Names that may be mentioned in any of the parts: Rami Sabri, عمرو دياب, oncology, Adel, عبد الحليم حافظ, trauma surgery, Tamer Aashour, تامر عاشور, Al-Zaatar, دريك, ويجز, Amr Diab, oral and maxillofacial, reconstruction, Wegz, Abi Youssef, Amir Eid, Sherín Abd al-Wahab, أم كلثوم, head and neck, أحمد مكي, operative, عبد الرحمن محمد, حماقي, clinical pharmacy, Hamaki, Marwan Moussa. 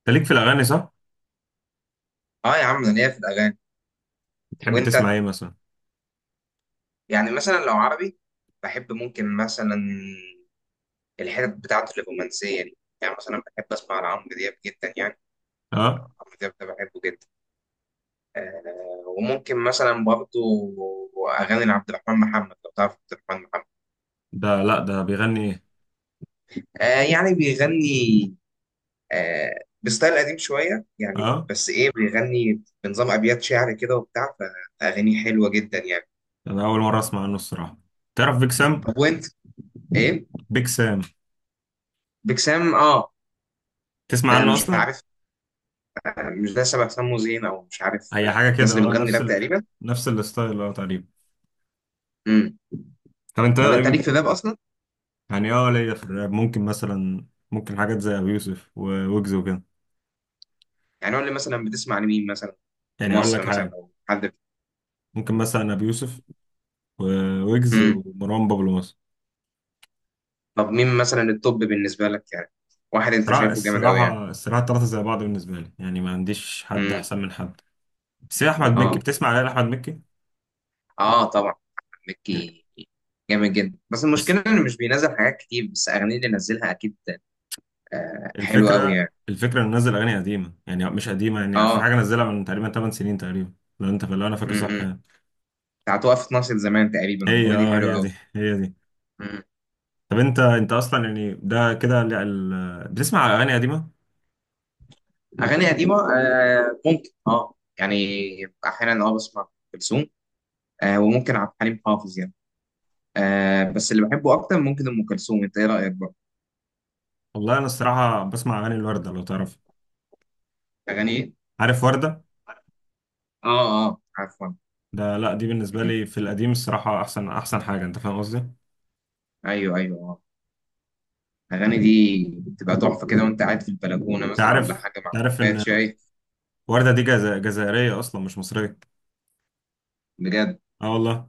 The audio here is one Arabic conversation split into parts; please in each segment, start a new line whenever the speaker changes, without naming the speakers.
انت ليك في الاغاني صح؟
اه يا عم انا ليا في الاغاني.
بتحب
وانت؟
تسمع ايه مثلا؟
يعني مثلا لو عربي بحب ممكن مثلا الحتت بتاعته الرومانسيه دي. يعني مثلا بحب اسمع لعمرو دياب جدا يعني.
اه.
عمرو دياب ده بحبه جدا. آه وممكن مثلا برضه اغاني لعبد الرحمن محمد، لو تعرف عبد الرحمن محمد.
ده؟ لا، ده بيغني ايه؟
آه يعني بيغني آه بستايل قديم شويه يعني،
اه.
بس ايه، بيغني بنظام ابيات شعر كده وبتاع، فاغانيه حلوه جدا يعني.
ده انا اول مره اسمع عنه الصراحه. تعرف بيك سام؟
طب وانت؟ ايه؟
بيك سام.
بكسام، اه.
تسمع
ده
عنه
مش
اصلا؟
عارف، يعني مش ده شبه سمو زين او مش عارف.
هي
آه،
حاجه كده،
الناس اللي
اه،
بتغني
نفس
راب تقريبا.
نفس الستايل، اه، تقريبا.
امم.
طب انت؟
طب انت ليك في الراب اصلا؟
يعني اه، ليا في الراب ممكن مثلا، ممكن حاجات زي ابي يوسف وويجز وكده.
يعني قول لي مثلا بتسمع لمين مثلا، في
يعني اقول لك
مصر مثلا
حاجه،
لو حد.
ممكن مثلا ابي يوسف وويجز
امم.
ومروان بابلو مثلا.
طب مين مثلا التوب بالنسبه لك يعني، واحد انت
الصراحه
شايفه جامد قوي يعني؟
الصراحه الصراحة، الثلاثه زي بعض بالنسبه لي، يعني ما عنديش حد
امم.
احسن من حد. بس إيه، احمد مكي؟
اه،
بتسمع على احمد مكي؟
اه طبعا أحمد مكي جامد جدا، بس
بس
المشكله انه مش بينزل حاجات كتير، بس اغانيه اللي نزلها اكيد آه حلوه قوي يعني.
الفكرة انه نزل اغاني قديمة، يعني مش قديمة، يعني اخر
اه.
حاجة نزلها من تقريبا 8 سنين تقريبا، لو انا فاكر صح
امم.
يعني.
بتاعت وقفت ناصية زمان تقريبا،
هي،
الاغنيه دي
اه،
حلوه
هي دي،
قوي.
هي دي. طب انت، اصلا يعني ده كده بتسمع اغاني قديمة؟
اغاني قديمه آه ممكن اه يعني، احيانا اه بسمع ام كلثوم، آه وممكن عبد الحليم حافظ يعني. آه بس اللي بحبه اكتر ممكن ام كلثوم. انت ايه رايك بقى؟
والله انا الصراحة بسمع اغاني الوردة، لو تعرف.
اغاني ايه؟
عارف وردة؟
اه اه، عفوا.
لا، دي بالنسبة
مم.
لي في القديم الصراحة احسن احسن حاجة، انت فاهم قصدي؟
ايوه ايوه اه. الاغاني دي بتبقى تحفه كده وانت قاعد في البلكونه مثلا، ولا
عارف
حاجه مع
انت عارف
كوبايه
ان
شاي.
وردة دي جزائرية اصلا، مش مصرية.
بجد؟
اه والله.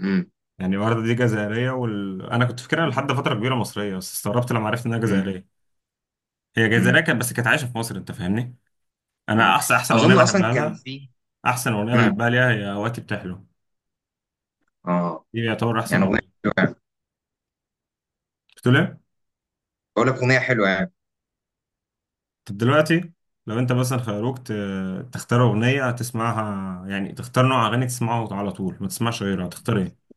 مم.
يعني الوردة دي جزائرية أنا كنت فاكرها لحد فترة كبيرة مصرية، بس استغربت لما عرفت إنها
مم.
جزائرية. هي جزائرية
مم.
كانت، بس كانت عايشة في مصر، أنت فاهمني؟ أنا
مم.
أحسن أحسن أغنية
اظن اصلا
بحبها
كان
لها.
في.
أحسن أغنية
مم.
بحبها ليها هي وقتي بتحلو.
اه
دي يعتبر أحسن
يعني اغنيه
أغنية.
حلوه يعني.
بتقول إيه؟
بقول لك اغنيه حلوه يعني.
طب دلوقتي، لو أنت مثلا خيروك تختار أغنية تسمعها، يعني تختار نوع أغاني تسمعه على طول، ما تسمعش غيرها، تختار إيه؟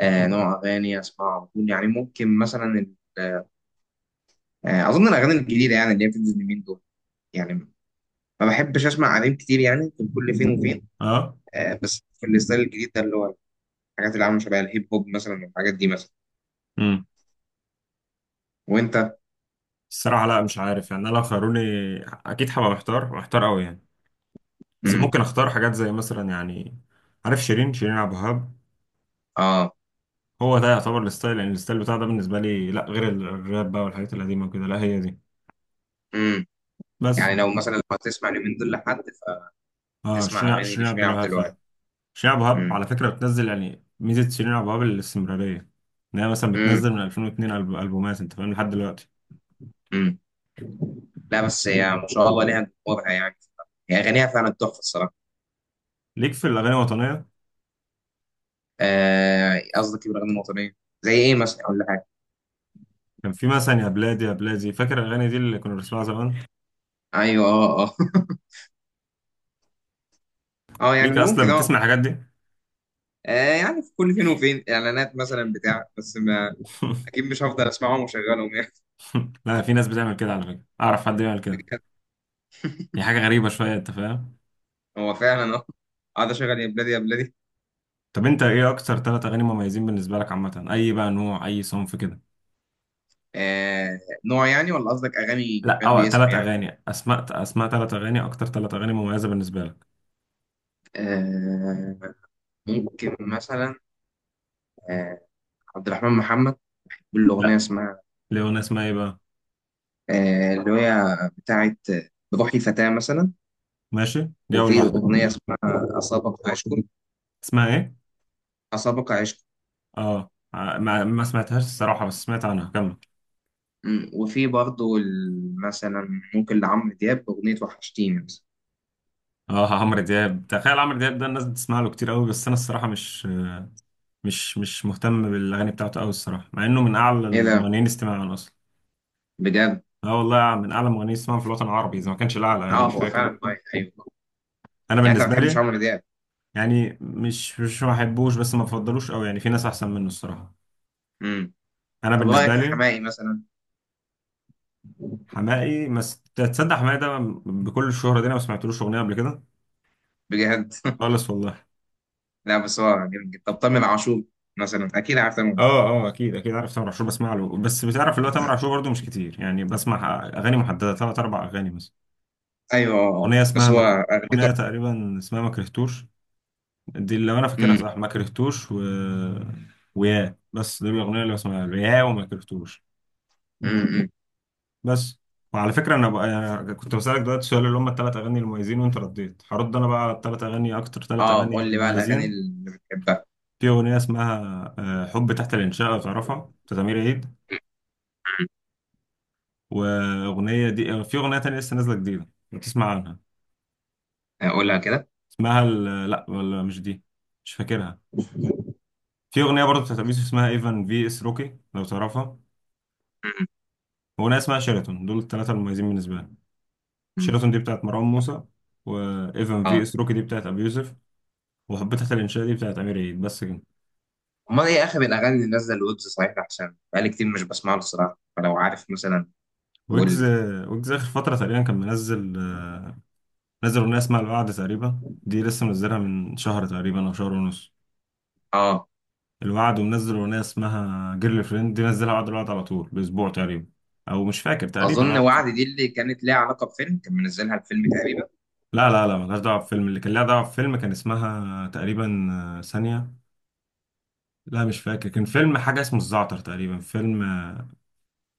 آه نوع اغاني اسمعها على طول يعني، ممكن مثلا آه، اظن الاغاني الجديده يعني اللي هي بتنزل اليومين دول. يعني ما بحبش اسمع قديم كتير يعني، في كل فين وفين.
أه؟
آه، بس في الستايل الجديد ده اللي هو الحاجات اللي عامله شبه الهيب هوب مثلا، والحاجات دي مثلا.
امم
وانت؟
الصراحة لا، مش عارف يعني. أنا لو خيروني أكيد هبقى محتار، محتار أوي يعني. بس
امم.
ممكن اختار حاجات زي مثلا يعني. عارف شيرين؟ شيرين عبد الوهاب.
اه.
هو ده يعتبر الستايل، يعني الستايل بتاع ده بالنسبه لي، لا غير الراب بقى والحاجات القديمه وكده، لا هي دي.
امم.
بس
يعني لو مثلا لو هتسمع اليومين دول لحد،
اه،
فتسمع
شيرين،
اغاني
شيرين عبد
لشيرين عبد
الوهاب
الوهاب.
فعلا. شيرين عبد الوهاب
امم.
على فكره بتنزل، يعني ميزه شيرين عبد الوهاب الاستمراريه، ان هي مثلا
امم.
بتنزل من 2002 البومات، انت فاهم؟ لحد دلوقتي.
امم. لا بس هي ما شاء الله ليها جمهورها يعني، هي اغانيها فعلا تحفه الصراحه.
ليك في الاغاني الوطنيه؟
آه، قصدك الاغاني الوطنيه؟ زي ايه مثلا؟ اقول لك حاجه.
كان في مثلا يا بلادي يا بلادي، فاكر الاغاني دي اللي كنا بنسمعها زمان؟
ايوه اه اه. اه يعني
ليك
ممكن
اصلا
اه.
بتسمع الحاجات دي؟
آه يعني في كل فين وفين اعلانات مثلا بتاع، بس ما، اكيد مش هفضل اسمعهم واشغلهم يعني.
لا، في ناس بتعمل كده على فكره، اعرف حد يعمل كده.
بجد؟
هي حاجه غريبه شويه، انت فاهم؟
هو فعلا اه، قاعد اشغل يا بلادي يا بلادي.
طب انت ايه اكتر ثلاث اغاني مميزين بالنسبه لك؟ عامه اي بقى نوع، اي صنف كده.
آه نوع يعني، ولا قصدك اغاني
لا،
اغاني
او
باسم
ثلاث
يعني؟
اغاني، اسماء ثلاث اغاني، اكتر ثلاث اغاني مميزه بالنسبه لك.
آه ممكن مثلا آه، عبد الرحمن محمد بالاغنيه
لا.
اسمها
ليونا اسمها ايه بقى؟
آه، اللي هي بتاعت بروحي فتاه مثلا.
ماشي، دي اول
وفي
واحده.
اغنيه اسمها اسابق عشق.
اسمها ايه؟
اسابق عشق.
اه، ما سمعتهاش الصراحه، بس سمعت عنها، كمل.
مم، وفي برضه مثلا ممكن لعمرو دياب اغنيه وحشتيني مثلا.
اه، عمرو دياب. تخيل عمرو دياب ده الناس بتسمع له كتير قوي، بس انا الصراحه مش مهتم بالاغاني بتاعته قوي الصراحه، مع انه من اعلى
ايه ده؟
المغنيين استماعا اصلا.
بجد؟
اه والله، من اعلى المغنيين استماعا في الوطن العربي، اذا ما كانش الاعلى، يعني
اه
مش
هو
فاكر.
فعلا مايك، ايوه.
انا
يعني انت ما
بالنسبه
بتحبش
لي.
عمرو دياب؟
يعني مش مش ما بحبوش، بس ما بفضلوش قوي، يعني في ناس احسن منه الصراحه.
امم.
انا
طب رايك
بالنسبه
في
لي.
حماقي مثلا؟
حماقي تصدق حماقي ده بكل الشهره دي، انا ما سمعتلوش اغنيه قبل كده،
بجد؟
خالص والله.
لا بس هو جامد جدا. طب تامر عاشور مثلا، اكيد عارف تامر عاشور.
اه، اه، اكيد اكيد عارف تامر عاشور. بسمع له، بس بتعرف اللي هو تامر عاشور برضه مش كتير يعني، بسمع اغاني محدده، ثلاث اربع اغاني مثلا.
ايوه آه،
اغنيه اسمها
بس هو اغنيته.
اغنيه تقريبا اسمها ما كرهتوش، دي اللي انا فاكرها
امم.
صح، ما كرهتوش ويا، بس دول الاغنيه اللي بسمعها، يا وما كرهتوش،
امم. أمم.
بس. وعلى فكرة أنا بقى يعني كنت بسألك دلوقتي سؤال اللي هم التلات أغاني المميزين، وأنت رديت، هرد أنا بقى على التلات أغاني، أكتر تلات
اه
أغاني
قول لي بقى الاغاني
مميزين.
اللي بتحبها.
في أغنية اسمها، آه، حب تحت الإنشاء، لو تعرفها، بتاعت أمير عيد. وأغنية دي، آه، في أغنية تانية لسه نازلة جديدة لو تسمع عنها،
آه، قولها كده.
اسمها لأ، ولا مش دي، مش فاكرها. في أغنية برضه بتاعت أبي يوسف اسمها إيفان في إس روكي، لو تعرفها.
امم.
وأغنية اسمها شيراتون. دول التلاتة المميزين بالنسبة لي.
أمم.
شيراتون دي بتاعت مروان موسى، وإيفان في
اه.
إس روكي دي بتاعت أبي يوسف، وحبيت الانشاء دي بتاعت امير عيد. بس كده.
امال ايه اخر الاغاني اللي نازله الويبز صحيح؟ عشان بقالي كتير مش بسمع له الصراحه، فلو عارف مثلا قول
ويجز.
لي.
ويجز اخر فتره تقريبا كان منزل، آه، نزل اغنيه اسمها الوعد تقريبا. دي لسه منزلها من شهر تقريبا، او شهر ونص.
اه.
الوعد. ومنزل اغنيه اسمها جيرل فريند، دي نزلها بعد الوعد على طول باسبوع تقريبا، او مش فاكر تقريبا،
اظن
اه،
وعد
باسبوع.
دي اللي كانت ليها علاقه بفيلم، كان منزلها الفيلم تقريبا.
لا لا لا، ملهاش دعوه بفيلم. اللي كان لها دعوه بفيلم كان اسمها تقريبا، آه، ثانيه، لا مش فاكر. كان فيلم حاجه اسمه الزعتر تقريبا، فيلم، آه،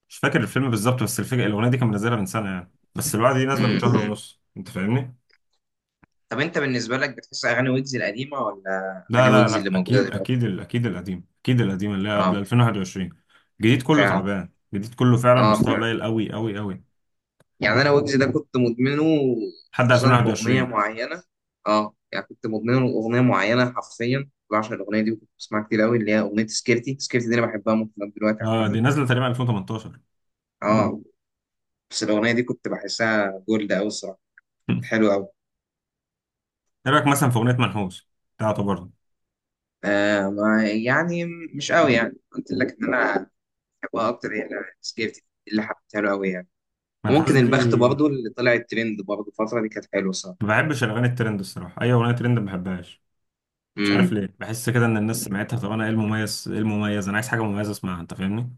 مش فاكر الفيلم بالظبط، بس الفكره الاغنيه دي كان منزلها من سنه يعني، بس الوعد دي نازله من شهر ونص، انت فاهمني؟
طب انت بالنسبه لك بتحس اغاني ويجز القديمه، ولا
لا
اغاني
لا
ويجز
لا،
اللي موجوده
اكيد
دلوقتي؟
اكيد اكيد القديم، اكيد القديم اللي هي قبل
اه
2021. الجديد كله
فعلا.
تعبان، الجديد كله فعلا
اه
مستوى
فعلا.
قليل قوي قوي قوي،
يعني انا ويجز ده كنت مدمنه،
لحد
خصوصا في اغنيه
2021.
معينه. اه يعني كنت مدمنه اغنيه معينه، حرفيا بعشق الاغنيه دي وكنت بسمعها كتير قوي، اللي هي اغنيه سكيرتي. سكيرتي دي انا بحبها ممكن لغاية دلوقتي
اه، دي
عامه.
نازله تقريبا 2018.
اه. بس الاغنيه دي كنت بحسها جولد قوي الصراحه. كانت حلوه قوي.
ايه رايك مثلا في اغنيه منحوس بتاعته برضه؟
آه ما يعني مش قوي يعني، قلت لك ان انا بحبها اكتر هي سكيرتي، اللي حبيتها له قوي يعني.
منحوس
وممكن
دي.
البخت برضو اللي طلع الترند برضو الفترة دي، كانت حلوة صراحة.
ما بحبش الاغاني الترند الصراحه، اي اغنيه ترند ما بحبهاش. مش عارف
امم.
ليه، بحس كده ان الناس سمعتها، طب انا ايه المميز؟ ايه المميز؟ انا عايز حاجه مميزه اسمعها، انت فاهمني؟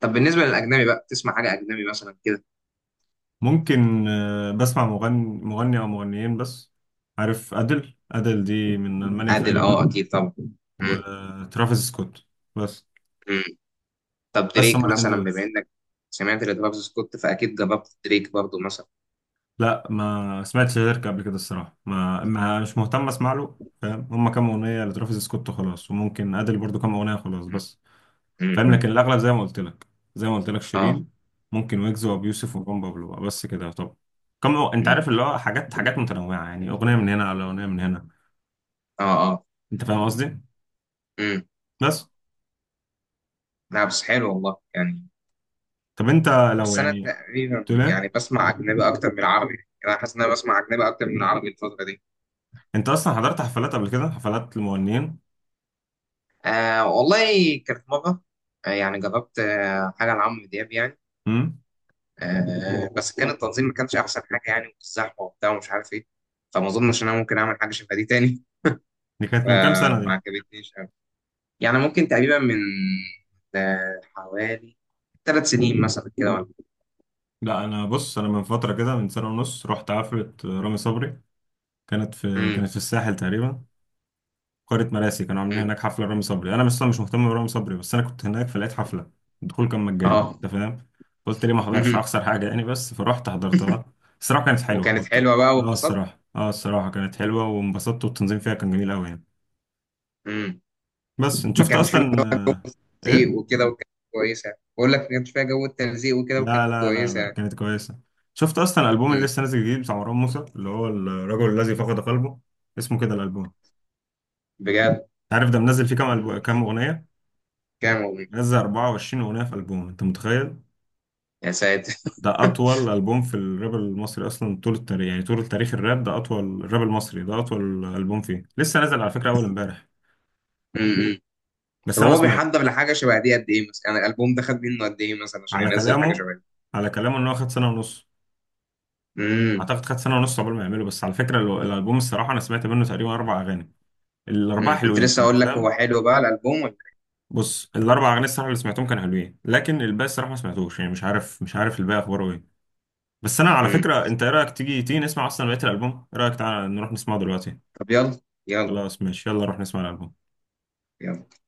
طب بالنسبة للأجنبي بقى، تسمع حاجة أجنبي مثلا كده؟
ممكن، آه، بسمع مغني او مغنيين بس. عارف ادل؟ ادل دي من المانيا
عادل
تقريبا.
أه أكيد طبعا. امم.
وترافيس سكوت، بس.
أمم. طب
بس،
دريك
هما الاتنين
مثلا،
دول.
بما إنك سمعت لترافيس سكوت، فأكيد جربت دريك برضو مثلا.
لا، ما سمعتش غيرك قبل كده الصراحة، ما، مش مهتم اسمع له، فاهم، هما كام أغنية لترافيس سكوت وخلاص، وممكن أدل برضو كام أغنية خلاص،
امم.
بس فاهم.
أمم.
لكن الأغلب زي ما قلت لك
أه.
شيرين، ممكن ويجز وأبو يوسف ومروان بابلو بقى، بس كده. طب، أنت
أمم.
عارف اللي هو حاجات، حاجات متنوعة يعني، أغنية من هنا على أغنية من هنا.
أه. أه.
أنت فاهم قصدي؟
أمم.
بس.
لا بس حلو والله يعني.
طب أنت، لو
بس أنا
يعني،
تقريبا
تقول إيه؟
يعني بسمع أجنبي أكتر من العربي، يعني أنا حاسس إن أنا بسمع أجنبي أكتر من العربي الفترة دي.
أنت أصلا حضرت حفلات قبل كده، حفلات المغنيين؟
آه والله كانت مرة آه، يعني جربت آه، حاجة لعمرو دياب يعني.
امم
آه بس كان التنظيم ما كانش احسن حاجه يعني، والزحمه وبتاع ومش عارف ايه، فما اظنش ان انا ممكن اعمل حاجه شبه دي تاني.
دي كانت من كام
فما
سنة؟
عجبتنيش قوي. يعني ممكن تقريبا من آه، حوالي 3 سنين مثلا كده ولا.
لا، انا بص، انا من فتره كده، من سنه ونص رحت حفله رامي صبري،
امم.
كانت في الساحل تقريبا، قريه مراسي، كانوا عاملين
امم.
هناك حفله رامي صبري. انا اصلا مش مهتم برامي صبري، بس انا كنت هناك فلقيت حفله، الدخول كان مجاني،
اه.
انت فاهم؟ قلت ليه ما احضرش،
مم.
هخسر حاجه يعني، بس فرحت حضرتها. الصراحه كانت حلوه.
وكانت
وت...
حلوه بقى
اه
واتبسطت.
الصراحه، كانت حلوه وانبسطت، والتنظيم فيها كان جميل قوي يعني.
امم.
بس انت
ما
شفت
كانش فيه
اصلا،
بقى تلزيق
ايه؟
وكده، وكانت كويسه. بقول لك ما كانش فيها جو التلزيق وكده،
لا
وكانت
لا لا لا،
كويسه.
كانت كويسة. شفت أصلا الألبوم اللي
امم.
لسه نازل جديد بتاع مروان موسى، اللي هو الرجل الذي فقد قلبه؟ اسمه كده الألبوم. أنت
بجد؟
عارف ده منزل فيه كام ألبوم، كام أغنية؟
كام والله.
منزل 24 أغنية في ألبوم، أنت متخيل؟
يا ساتر.
ده أطول ألبوم في الراب المصري أصلا طول التاريخ، يعني طول تاريخ الراب، ده أطول الراب المصري، ده أطول ألبوم فيه، لسه نازل على فكرة أول إمبارح. بس
طب
أنا ما
هو
سمعت.
بيحضر لحاجه شبه دي قد ايه مثلا يعني؟ الالبوم ده خد منه قد ايه مثلا عشان
على
ينزل حاجه
كلامه
شبه دي؟
على كلامه إن هو خد سنة ونص،
امم.
أعتقد خد سنة ونص قبل ما يعمله. بس على فكرة الألبوم الصراحة، أنا سمعت منه تقريبا أربع أغاني، الأربعة
أمم. كنت
حلوين،
لسه
أنت
اقول لك، هو
فاهم؟
حلو بقى الالبوم ولا؟
بص، الاربع اغاني الصراحه اللي سمعتهم كانوا حلوين، لكن الباقي الصراحه ما سمعتوش، يعني مش عارف، مش عارف الباقي اخباره ايه. بس انا على
امم.
فكره، انت ايه رايك تيجي تيجي نسمع اصلا بقيه الالبوم؟ ايه رايك، تعالى نروح نسمعه دلوقتي؟
طب يلا. يلا.
خلاص ماشي، يلا نروح نسمع الالبوم.
يلا.